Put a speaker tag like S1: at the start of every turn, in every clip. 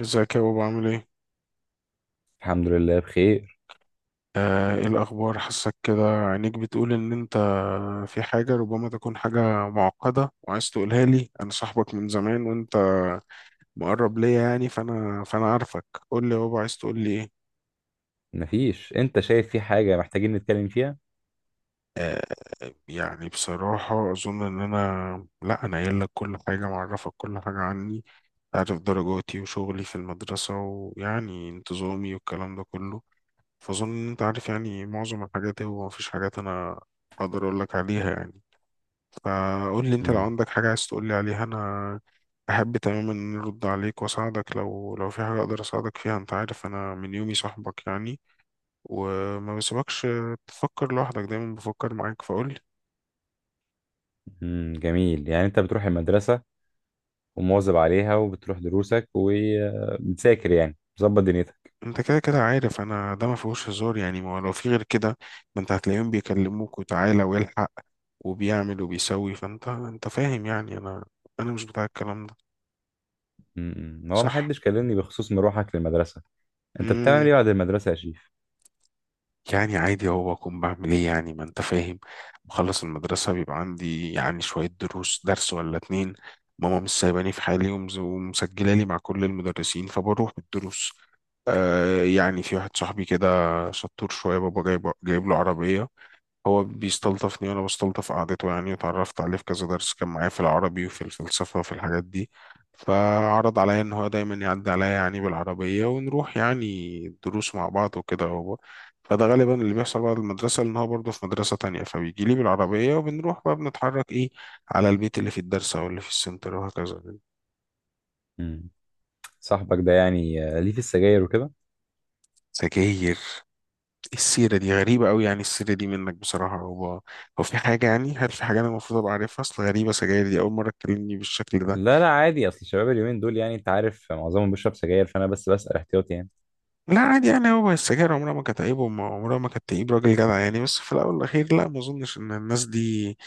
S1: ازيك يا بابا، عامل ايه؟
S2: الحمد لله بخير.
S1: ايه الأخبار؟ حاسك كده عينيك بتقول إن أنت في حاجة ربما تكون حاجة معقدة وعايز تقولها لي، أنا صاحبك من زمان وأنت مقرب ليا يعني، فأنا عارفك. قول لي يا بابا، عايز تقول لي ايه؟
S2: مفيش. انت شايف في حاجة محتاجين نتكلم فيها؟
S1: آه يعني بصراحة أظن إن أنا. لا، أنا قايل لك كل حاجة، معرفك كل حاجة عني، عارف درجاتي وشغلي في المدرسة، ويعني انتظامي والكلام ده كله، فأظن إن أنت عارف يعني معظم الحاجات، هو مفيش حاجات أنا أقدر أقول لك عليها يعني. فقول لي انت لو
S2: امم
S1: عندك حاجة عايز تقول لي عليها، انا احب تماما ان أنا ارد عليك واساعدك لو في حاجة اقدر اساعدك فيها. انت عارف انا من يومي صاحبك يعني، وما بسيبكش تفكر لوحدك، دايما بفكر معاك، فقول لي.
S2: جميل، يعني انت بتروح المدرسة ومواظب عليها وبتروح دروسك وبتذاكر، يعني مظبط دنيتك.
S1: انت كده كده عارف انا، ده ما فيهوش هزار يعني، ما هو لو في غير كده ما انت هتلاقيهم بيكلموك وتعالى والحق وبيعمل وبيسوي، فانت فاهم يعني، انا مش بتاع الكلام ده.
S2: هو
S1: صح.
S2: محدش كلمني بخصوص مروحك للمدرسة. انت بتعمل ايه بعد المدرسة يا شيف؟
S1: يعني عادي، هو اكون بعمل ايه يعني، ما انت فاهم. بخلص المدرسة بيبقى عندي يعني شوية دروس، درس ولا اتنين. ماما مش سايباني في حالي ومسجلة لي مع كل المدرسين، فبروح بالدروس. آه يعني في واحد صاحبي كده، شطور شوية، بابا جايب له عربية. هو بيستلطفني وانا بستلطف قعدته يعني، وتعرفت عليه في كذا درس، كان معايا في العربي وفي الفلسفة وفي الحاجات دي، فعرض عليا ان هو دايما يعدي عليا يعني بالعربية ونروح يعني دروس مع بعض وكده هو. فده غالبا اللي بيحصل بعد المدرسة، لان هو برضه في مدرسة تانية، فبيجي لي بالعربية وبنروح بقى، بنتحرك ايه على البيت اللي في الدرس او اللي في السنتر، وهكذا.
S2: امم صاحبك ده، يعني ليه في السجاير وكده؟
S1: سجاير؟ السيرة دي غريبة أوي، يعني السيرة دي منك بصراحة. هو في حاجة يعني، هل في حاجة أنا المفروض أبقى عارفها؟ أصل غريبة، سجاير دي أول مرة تكلمني بالشكل ده.
S2: لا، لا، عادي، اصل الشباب اليومين دول يعني انت عارف معظمهم بيشرب سجاير، فانا بس بسأل احتياطي يعني.
S1: لا عادي يعني، هو السجاير عمرها ما كانت عيب وعمرها ما كانت تعيب راجل جدع يعني، بس في الأول والأخير، لا ما أظنش إن الناس دي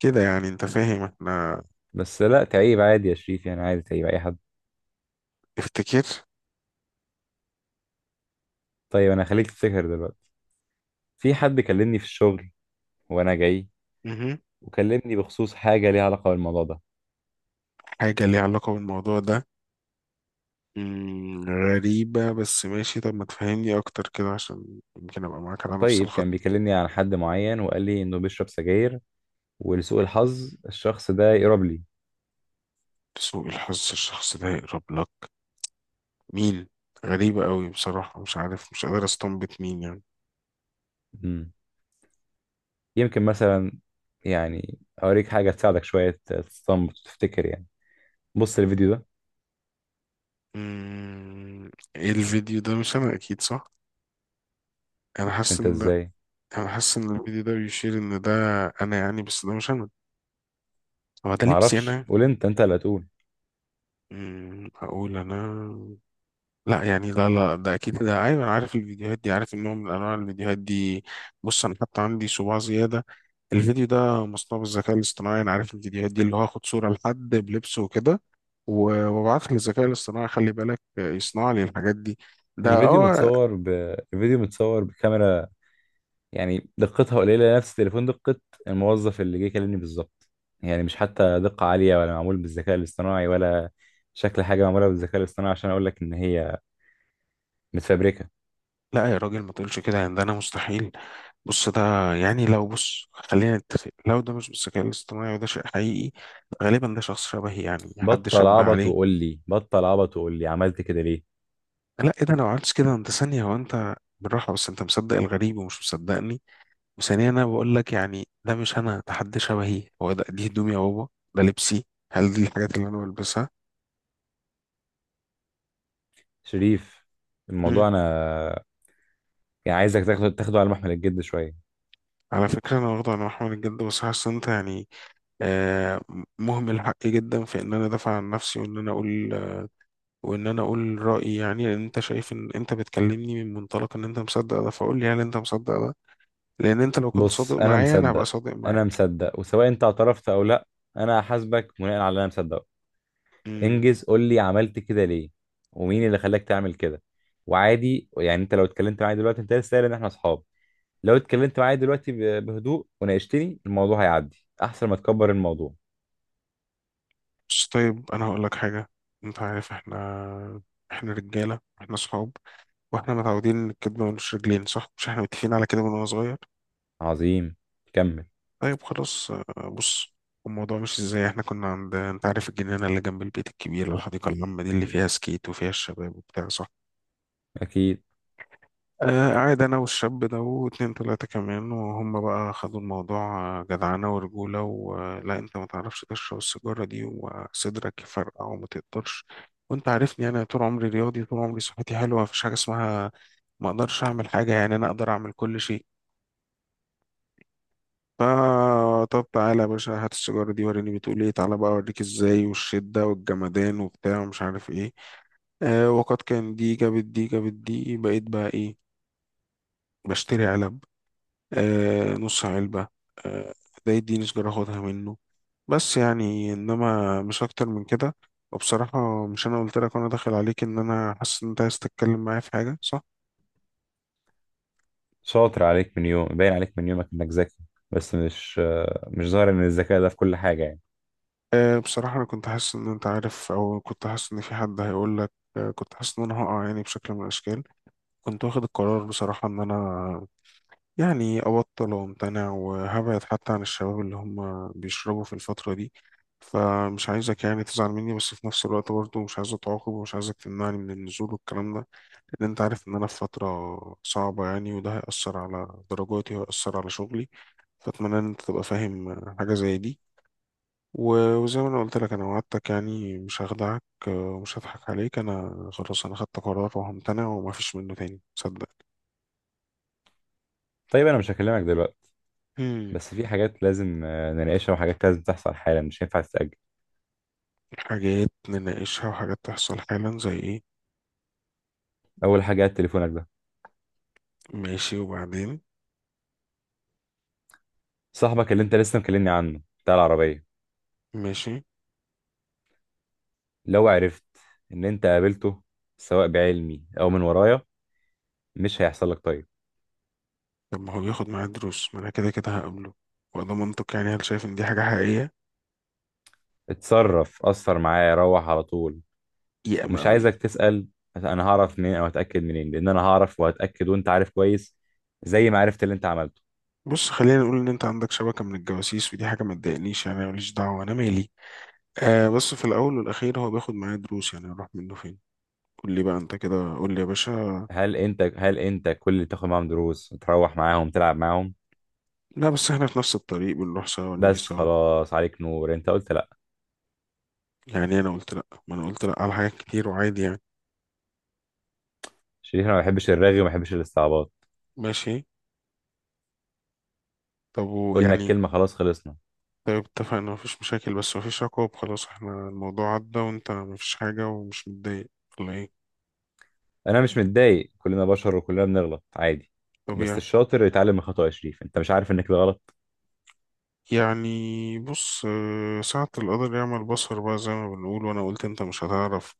S1: كده يعني، أنت فاهم إحنا.
S2: بس لا تعيب، عادي يا شريف، يعني عادي تعيب اي حد.
S1: افتكر.
S2: طيب انا خليك تفتكر دلوقتي. في حد كلمني في الشغل وانا جاي،
S1: مهم.
S2: وكلمني بخصوص حاجه ليها علاقه بالموضوع ده.
S1: حاجة ليها علاقة بالموضوع ده؟ مم، غريبة، بس ماشي، طب ما تفهمني أكتر كده عشان يمكن أبقى معاك على نفس
S2: طيب كان
S1: الخط.
S2: بيكلمني عن حد معين وقال لي انه بيشرب سجاير، ولسوء الحظ الشخص ده يقرب لي.
S1: سوء الحظ الشخص ده يقرب لك؟ مين؟ غريبة قوي بصراحة، مش عارف، مش قادر استنبط مين يعني.
S2: مم. يمكن مثلا، يعني اوريك حاجه تساعدك شويه تستنبط تفتكر يعني. بص الفيديو ده.
S1: مم، ايه الفيديو ده؟ مش أنا أكيد، صح؟ أنا
S2: مش
S1: حاسس
S2: انت؟
S1: إن
S2: ازاي؟
S1: انا حاسس ان الفيديو ده بيشير ان ده انا يعني، بس ده مش انا. هو ده لبسي
S2: معرفش،
S1: انا؟
S2: قول انت اللي هتقول.
S1: هقول انا؟ لا يعني، لا لا ده اكيد، ده ايوه، انا عارف الفيديوهات دي، عارف النوع من انواع الفيديوهات دي. بص، انا حتى عندي صباع زياده. الفيديو ده مصنوع بالذكاء الاصطناعي، انا عارف الفيديوهات دي، اللي هو اخد صوره لحد بلبسه وكده، وابعتها للذكاء الاصطناعي، خلي بالك، يصنع لي الحاجات دي. ده
S2: الفيديو
S1: اه.
S2: متصور ب... الفيديو متصور بكاميرا، يعني دقتها قليله نفس تليفون دقه الموظف اللي جه يكلمني بالظبط، يعني مش حتى دقه عاليه، ولا معمول بالذكاء الاصطناعي، ولا شكل حاجه معموله بالذكاء الاصطناعي، عشان اقول لك ان هي متفبركه.
S1: لا يا راجل، ما تقولش كده يعني، ده انا مستحيل. بص ده، يعني لو بص، خلينا نتفق، لو ده مش بالذكاء الاصطناعي وده شيء حقيقي، غالبا ده شخص شبهي يعني، حد شبه عليه.
S2: بطل عبط وقول لي عملت كده ليه؟
S1: لا ايه ده، لو عملت كده انت؟ ثانية، هو انت بالراحة، بس انت مصدق الغريب ومش مصدقني. وثانيا انا بقول لك يعني ده مش انا، ده حد شبهي. هو ده، دي هدومي يا بابا؟ ده لبسي؟ هل دي الحاجات اللي انا بلبسها؟
S2: شريف،
S1: مم.
S2: الموضوع انا يعني عايزك تاخده على محمل الجد شويه.
S1: على فكرة أنا واخده، أنا محمد الجد، بس حاسس إن أنت يعني آه مهمل حقي جدا في إن أنا أدافع عن نفسي وإن أنا أقول، وان انا اقول رايي يعني، لان انت شايف ان انت بتكلمني من منطلق ان انت مصدق ده، فاقول لي هل انت مصدق ده؟ لان انت لو كنت
S2: بص،
S1: صادق
S2: انا
S1: معايا انا هبقى
S2: مصدق.
S1: صادق
S2: انا
S1: معاك.
S2: مصدق، وسواء انت اعترفت او لا، انا هحاسبك بناء على اللي انا مصدقه.
S1: امم.
S2: انجز، قول لي عملت كده ليه ومين اللي خلاك تعمل كده. وعادي يعني، انت لو اتكلمت معايا دلوقتي، انت لسه قايل ان احنا اصحاب، لو اتكلمت معايا دلوقتي بهدوء وناقشتني الموضوع، هيعدي احسن ما تكبر الموضوع.
S1: بس طيب انا هقول لك حاجه. انت عارف احنا، احنا رجاله، احنا صحاب، واحنا متعودين ان الكدب ملوش رجلين، صح؟ مش احنا متفقين على كده من وانا صغير.
S2: عظيم، كمل.
S1: طيب خلاص، بص. الموضوع مش ازاي. احنا كنا عند، انت عارف، الجنينه اللي جنب البيت الكبير، الحديقه العامه دي اللي فيها سكيت وفيها الشباب وبتاع، صح؟
S2: اكيد.
S1: قاعد أنا والشاب ده واتنين تلاتة كمان، وهم بقى خدوا الموضوع جدعنة ورجولة، ولا أنت ما تعرفش تشرب السيجارة دي وصدرك يفرقع وما تقدرش، وأنت عارفني أنا طول عمري رياضي، طول عمري صحتي حلوة، مفيش حاجة اسمها ما أقدرش أعمل حاجة يعني، أنا أقدر أعمل كل شيء. فا طب تعالى يا باشا، هات السيجارة دي وريني بتقول إيه، تعالى بقى أوريك إزاي، والشدة والجمدان وبتاع ومش عارف إيه. وقد كان، دي بقيت بقى إيه، بشتري علب. نص علبة. آه ده يديني سجارة اخدها منه، بس يعني انما مش اكتر من كده. وبصراحة مش انا قلت لك وانا داخل عليك ان انا حاسس ان انت عايز تتكلم معايا في حاجة، صح؟
S2: شاطر عليك من يوم، باين عليك من يومك انك ذكي، بس مش ظاهر ان الذكاء ده في كل حاجة يعني.
S1: بصراحة انا كنت حاسس ان انت عارف، او كنت حاسس ان في حد هيقول لك، كنت حاسس ان انا هقع يعني بشكل من الاشكال. كنت واخد القرار بصراحة ان انا يعني أبطل وأمتنع، وهبعد حتى عن الشباب اللي هم بيشربوا في الفترة دي. فمش عايزك يعني تزعل مني، بس في نفس الوقت برضه مش عايزك تعاقب، ومش عايزك تمنعني من النزول والكلام ده، لأن أنت عارف إن أنا في فترة صعبة يعني، وده هيأثر على درجاتي وهيأثر على شغلي، فأتمنى إن أنت تبقى فاهم حاجة زي دي، وزي ما أنا قلت لك أنا وعدتك يعني مش هخدعك ومش هضحك عليك، أنا خلاص أنا خدت قرار وهمتنع، ومفيش منه تاني صدق.
S2: طيب انا مش هكلمك دلوقتي، بس في حاجات لازم نناقشها، وحاجات لازم تحصل حالا، مش هينفع تتأجل.
S1: حاجات نناقشها وحاجات تحصل حالا زي ايه؟
S2: اول حاجة، تليفونك ده.
S1: ماشي وبعدين؟
S2: صاحبك اللي انت لسه مكلمني عنه بتاع العربية،
S1: ماشي.
S2: لو عرفت ان انت قابلته، سواء بعلمي او من ورايا، مش هيحصل لك طيب.
S1: طب ما هو بياخد معاه دروس، ما انا كده كده هقابله، وده منطق يعني، هل شايف ان دي حاجة حقيقية؟
S2: اتصرف اثر معايا، روح على طول.
S1: يا
S2: ومش
S1: مقاوي.
S2: عايزك تسأل انا هعرف منين او هتأكد منين، لان انا هعرف وهتأكد، وانت عارف كويس، زي ما عرفت اللي انت عملته.
S1: بص خلينا نقول ان انت عندك شبكة من الجواسيس، ودي حاجة ما تضايقنيش يعني، أنا ماليش دعوة، انا مالي، بس في الاول والاخير هو بياخد معاه دروس، يعني اروح منه فين؟ قول لي بقى انت كده، قول لي يا باشا.
S2: هل انت كل اللي تاخد معاهم دروس تروح معاهم تلعب معاهم؟
S1: لا بس احنا في نفس الطريق، بنروح سوا ونيجي
S2: بس
S1: سوا.
S2: خلاص، عليك نور، انت قلت لا.
S1: يعني انا قلت لا، ما انا قلت لا على حاجات كتير وعادي يعني.
S2: شريف، انا ما بحبش الرغي وما بحبش الاستعباط.
S1: ماشي. طب
S2: قلنا
S1: ويعني.
S2: الكلمة، خلاص، خلصنا.
S1: طيب اتفقنا، مفيش مشاكل، بس مفيش عقاب؟ خلاص احنا الموضوع عدى وانت مفيش حاجة ومش متضايق ولا ايه؟
S2: انا مش متضايق، كلنا بشر وكلنا بنغلط، عادي. بس
S1: طبيعي.
S2: الشاطر يتعلم من خطأه يا شريف، انت مش عارف انك ده غلط؟
S1: يعني بص، ساعة القدر يعمل بصر بقى زي ما بنقول، وانا قلت انت مش هتعرف،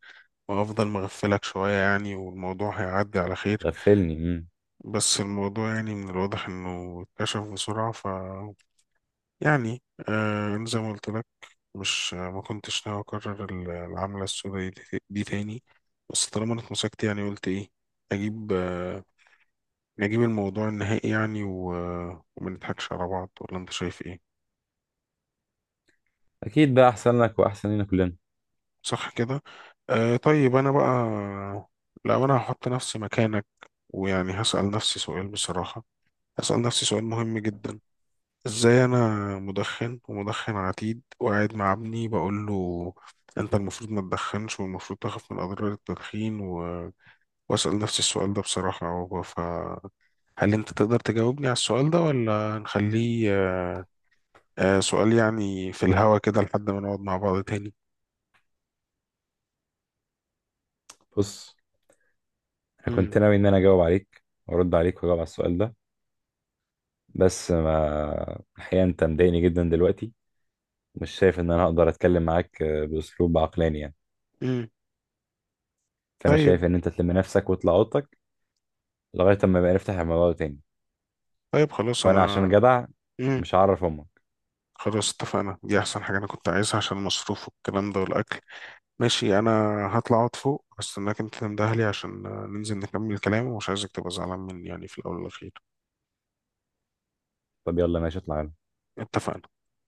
S1: وافضل مغفلك شوية يعني، والموضوع هيعدي على خير.
S2: غفلني. مم.
S1: بس الموضوع يعني من الواضح انه اتكشف بسرعة، ف، يعني، أنا زي ما قلت لك، مش ما كنتش ناوي اكرر العملة السوداء دي تاني. بس طالما انا اتمسكت يعني، قلت ايه، اجيب آه، نجيب الموضوع النهائي يعني و، وما نضحكش على بعض ولا انت شايف ايه؟
S2: اكيد بقى، احسن لك واحسن لنا كلنا.
S1: صح كده. طيب انا بقى، لو انا هحط نفسي مكانك ويعني هسأل نفسي سؤال بصراحة، هسأل نفسي سؤال مهم جدا، ازاي انا مدخن ومدخن عتيد وقاعد مع ابني بقول له انت المفروض ما تدخنش والمفروض تخاف من اضرار التدخين، و... واسأل نفسي السؤال ده بصراحة، فهل انت تقدر تجاوبني على السؤال ده ولا نخليه سؤال يعني في الهوا كده لحد ما نقعد مع بعض تاني؟
S2: بص، انا كنت
S1: امم
S2: ناوي ان انا اجاوب عليك وارد عليك واجاوب على السؤال ده، بس ما الحقيقة انت مضايقني جدا دلوقتي. مش شايف ان انا اقدر اتكلم معاك باسلوب عقلاني يعني.
S1: امم.
S2: فانا
S1: طيب.
S2: شايف ان انت تلم نفسك وتطلع اوضتك لغاية اما بقى نفتح الموضوع ده تاني.
S1: طيب خلاص
S2: وانا عشان
S1: أنا.
S2: جدع،
S1: امم.
S2: مش هعرف امك.
S1: خلاص اتفقنا، دي أحسن حاجة أنا كنت عايزها عشان المصروف والكلام ده والأكل. ماشي، أنا هطلع أقعد فوق، هستناك أنت تنده لي عشان، ننزل نكمل الكلام، ومش عايزك تبقى زعلان مني يعني في الأول والأخير.
S2: طب يلا، ماشي، اطلع يلا.
S1: اتفقنا.